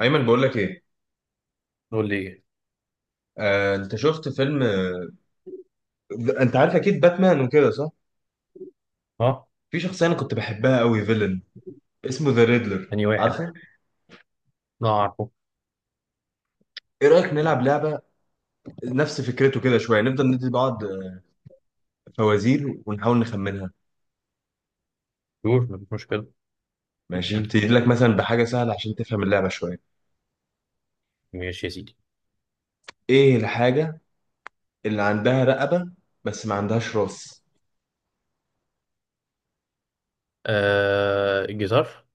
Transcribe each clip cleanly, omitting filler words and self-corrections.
ايمن، بقول لك ايه. قول لي ايه؟ انت شفت فيلم، انت عارف اكيد باتمان وكده صح؟ اه. في شخصيه انا كنت بحبها قوي، فيلن اسمه ذا ريدلر، انهي واحد؟ عارفه؟ لا عارفه. ايه رايك نلعب لعبه نفس فكرته كده شويه، نفضل ندي بعض فوازير ونحاول نخمنها. يقول مفيش مشكله. ماشي، اديني. هبتدي لك مثلا بحاجه سهله عشان تفهم اللعبه شويه. ماشي يا سيدي. ايه الحاجه اللي عندها رقبه بس ما عندهاش راس؟ آه، الجيتار.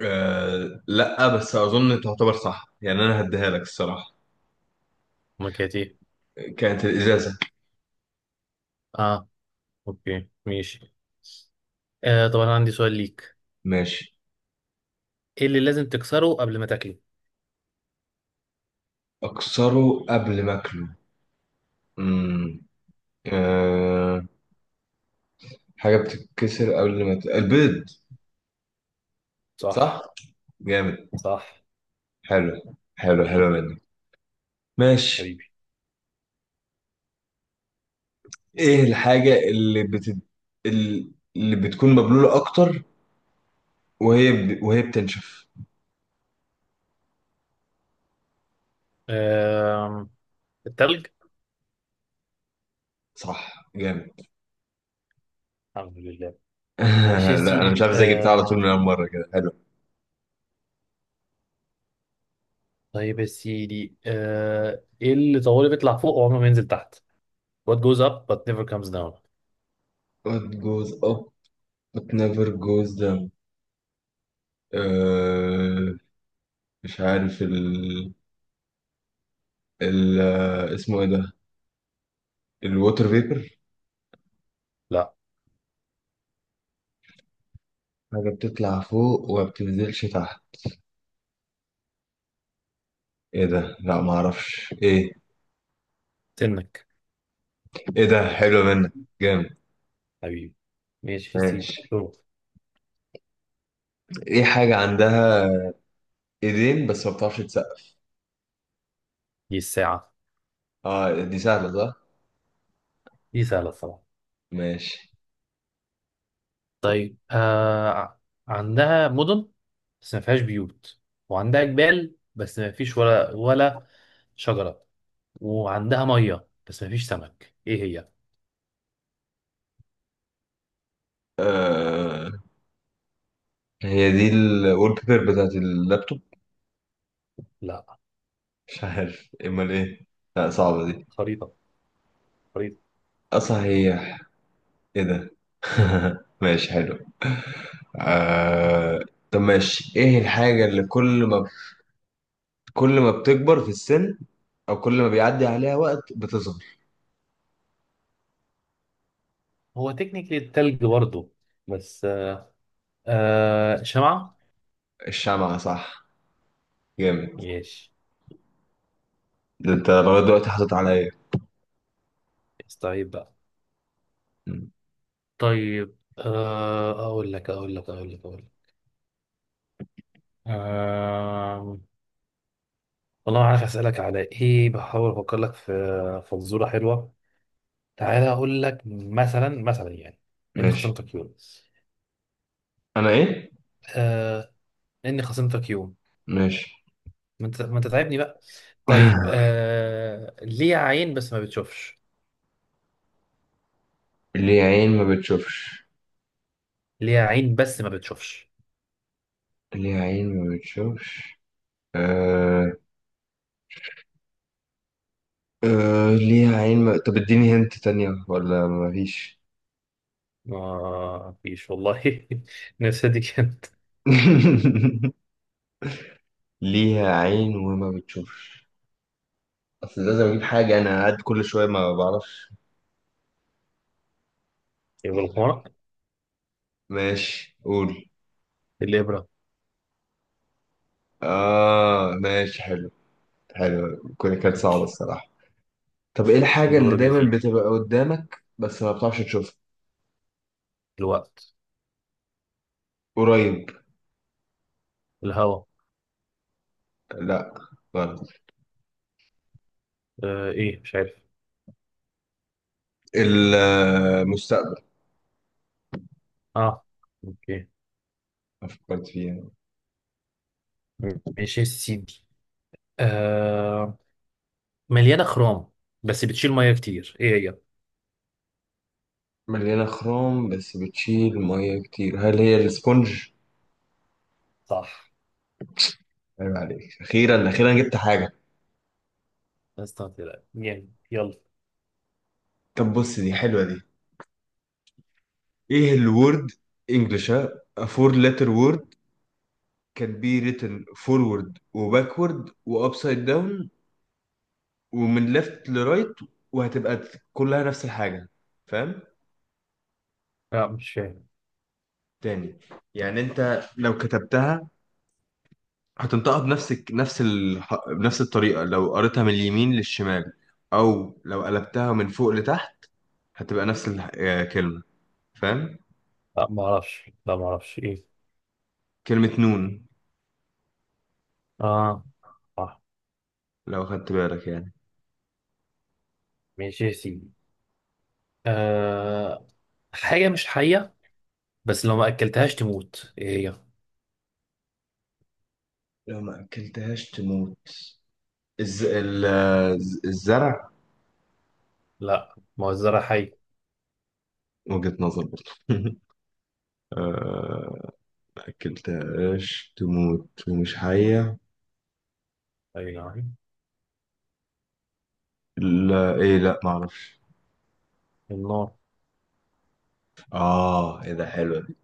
لا، بس اظن تعتبر صح يعني، انا هديها لك الصراحه. امال كانت ايه؟ كانت الازازه. اه. اوكي، ماشي. آه، طب انا عندي سؤال ليك. ماشي. ايه اللي لازم تكسره قبل ما تاكله؟ اكسره قبل ما اكله. مم. أه حاجة بتتكسر قبل ما البيض. صح. صح؟ جامد. صح. حلو حلو حلو منك. ماشي. حبيبي. ايه الحاجة اللي ال- اللي بتكون مبلولة اكتر وهي بتنشف؟ آه، التلج. صح، جامد. الحمد لله. ماشي يا لا، انا مش سيدي. عارف ازاي جبتها على طول آه، من اول مرة كده، حلو. طيب يا سيدي، ايه اللي طوالي بيطلع فوق وعمره ما ينزل تحت. What goes up but never comes down? What goes up but never goes down. أه مش عارف ال... ال... آه، اسمه ايه ده، الووتر فيبر؟ لا. حاجة بتطلع فوق وما بتنزلش تحت، ايه ده؟ لا ما اعرفش ايه. سنك. ايه ده، حلو منك، جامد، حبيبي. ماشي يا سيدي، ماشي. دور. ايه حاجة عندها ايدين بس ما بتعرفش تسقف؟ دي الساعة. اه، دي سهلة صح، دي سهلة الصراحة. ماشي. طيب، عندها مدن بس ما فيهاش بيوت، وعندها جبال بس ما فيش ولا شجرة، وعندها مية بس ما فيش سمك. ايه هي؟ آه هي دي الوول بيبر بتاعت اللابتوب؟ لا. مش عارف امال ايه، لا صعبة دي. خريطة. خريطة. اصلا هي، ايه ده، ماشي، حلو. آه طب ماشي، ايه الحاجة اللي كل ما بتكبر في السن، او كل ما بيعدي عليها وقت بتظهر؟ هو تكنيكلي التلج برضه، بس شمعة. الشمعة، صح، جامد. ماشي. ده انت لغاية دلوقتي حاطط عليا. طيب بقى. مم. طيب، اقول لك. آه، والله ما عارف اسالك على ايه، بحاول افكر لك في فزوره حلوه. تعالى اقول لك، مثلا يعني، اني ماشي. خصمتك يوم. انا ايه؟ آه. اني خصمتك يوم. ماشي. ما انت تعبني بقى. طيب، ليه عين بس ما بتشوفش؟ ليه عين ما بتشوفش؟ ليه عين بس ما بتشوفش؟ ليه عين ما بتشوفش؟ آه... آه... ليها عين ما... طب اديني هنت تانية ولا مفيش؟ ما فيش والله. نفسي دي كانت. ليها عين وما بتشوفش، اصل لازم اجيب حاجة، انا قاعد كل شوية ما بعرفش. يبقى إيه ده؟ الحمار. ماشي، قول. الابره. اه، ماشي، حلو حلو، كانت صعبة الصراحة. طب ايه الحاجة اللي دور دايما جديد. بتبقى قدامك بس ما بتعرفش تشوفها؟ الوقت. قريب؟ الهواء. لا، غلط. ايه، مش عارف. المستقبل. اه. اوكي. ما فكرت فيه يعني. ماشي يا سيدي، آه مليانه خروم بس بتشيل ميه كتير. ايه هي؟ مليانة خروم بس بتشيل مية كتير، هل هي الاسفنج؟ صح. عيب عليك، أخيرا أخيرا جبت حاجة. استنى. جامد، يلا. طب بص، دي حلوة دي. إيه الورد. إنجلش، ها. A four letter word can be written forward و backward و upside down، ومن left ل right، وهتبقى كلها نفس الحاجة. فاهم؟ لا، مش فاهم. تاني. يعني أنت لو كتبتها هتنطقها بنفس الطريقة، لو قريتها من اليمين للشمال أو لو قلبتها من فوق لتحت هتبقى نفس الكلمة. فاهم؟ لا ما اعرفش ايه. كلمة نون، اه صح. لو خدت بالك يعني. ماشي يا سيدي، آه حاجه مش حيه بس لو ما اكلتهاش تموت. ايه هي؟ لو ما أكلتهاش تموت، الزرع؟ لا، ما هو الزرع حي. وجهة نظر برضه. ما أكلتهاش تموت ومش حية، اي نعم. لا إيه، لا معرفش. النار. آه، إيه ده، حلوة دي،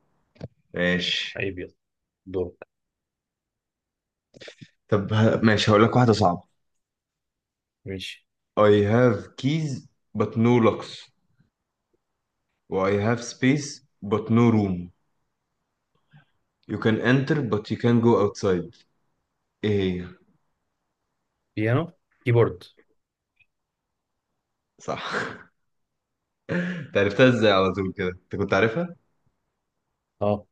ماشي. عيب، يلا. دورك. طب ماشي، هقول لك واحدة صعبة. ماشي. I have keys but no locks. Or I have space but no room. You can enter but you can go outside. ايه هي؟ بيانو. كيبورد. صح. انت عرفتها ازاي على طول كده؟ انت كنت عارفها؟ اه.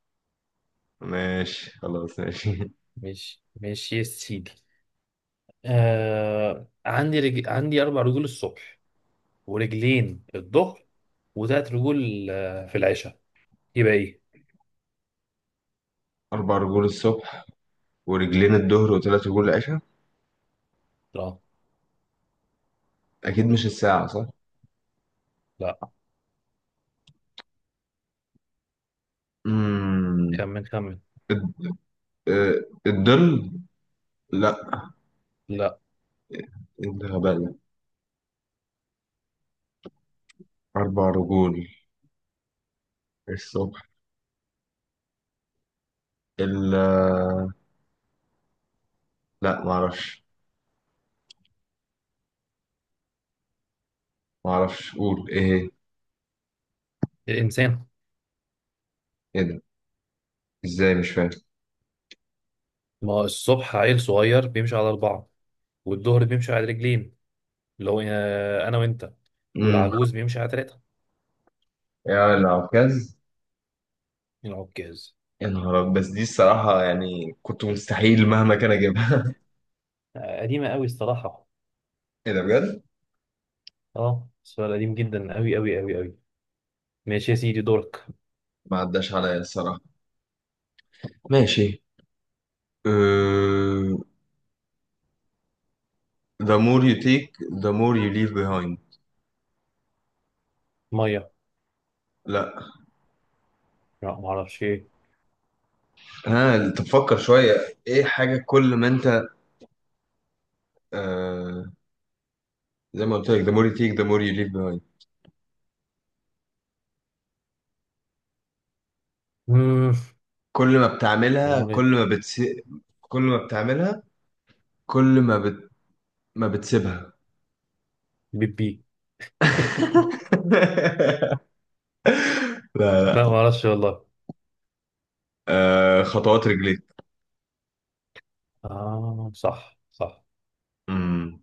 ماشي، خلاص، ماشي. ماشي، ماشي يا سيدي. عندي عندي اربع رجول الصبح، ورجلين الظهر، وتلات رجول في العشاء. يبقى ايه؟ أربع رجول الصبح، ورجلين الظهر، وثلاث رجول العشاء؟ لا. أكيد مش الساعة صح؟ لا. امم خمن خمن. الد- آه، الظل؟ لا، لا. إيه الغباء ده؟ أربع رجول الصبح، ال لا معرفش، معرفش، قول، ايه هي؟ الانسان. ايه ده؟ ازاي مش فاهم؟ ما هو الصبح عيل صغير بيمشي على اربعه، والظهر بيمشي على رجلين، اللي هو انا وانت، امم والعجوز بيمشي على ثلاثه. يا العكاز. العكاز. يا نهار أبيض. بس دي الصراحة يعني كنت مستحيل مهما كان أجيبها. قديمه قوي الصراحه. إيه ده بجد؟ اه، سؤال قديم جدا قوي قوي قوي قوي. ماشي يا سيدي، دورك. ما عداش عليا الصراحة، ماشي. أه... The more you take the more you leave behind. ميه. لا. لا، ما اعرفش ايه. ها تفكر شوية، إيه حاجة كل ما أنت أه... زي ما قلت لك، the more you take the more you leave behind، مم، كل ما ده بتعملها كل مولد. ما بتس... كل ما بتعملها كل ما بت... ما بتسيبها. بيبي. لا، لا ما لا، اعرفش والله. خطوات رجليك. اه صح صح. امم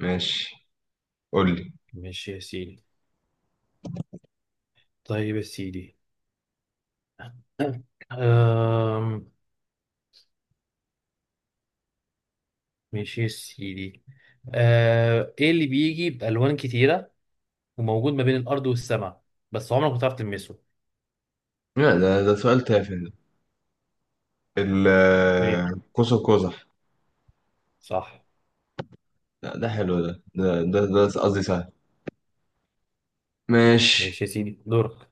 ماشي، قول لي. ماشي يا سيدي. طيب يا سيدي. أم... ماشي يا سيدي. ايه اللي بيجي بألوان كتيرة وموجود ما بين الأرض والسماء بس عمرك ما تعرف تلمسه؟ لا، ده سؤال تافه ده، ايه. القوس قزح. صح. لا، ده حلو ده، قصدي سهل، ماشي ماشي. يا سيدي، دورك.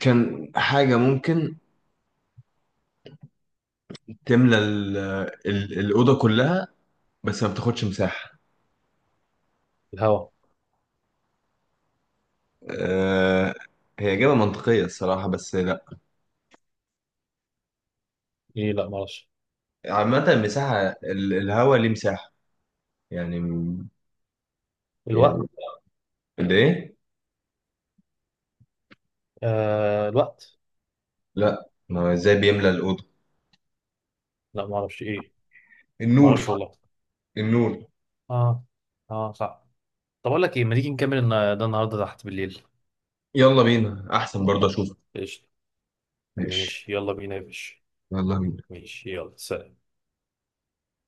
كان حاجة ممكن تملى الأوضة كلها بس ما بتاخدش مساحة. الهواء. أه هي إجابة منطقية الصراحة بس لا. ايه، لا معرفش. عامة المساحة، الهوا ليه مساحة يعني. يعني الوقت. ليه؟ الوقت. لا، ما هو ازاي بيملى الأوضة؟ لا معرفش ايه. النور، معرفش والله. النور. اه. اه صح. طب اقول لك ايه، ما تيجي نكمل ده النهارده تحت بالليل. يلا بينا، أحسن برضه أشوفك، قشطة. ماشي، ماشي، يلا بينا يا باشا. يلا بينا. ماشي، يلا سلام.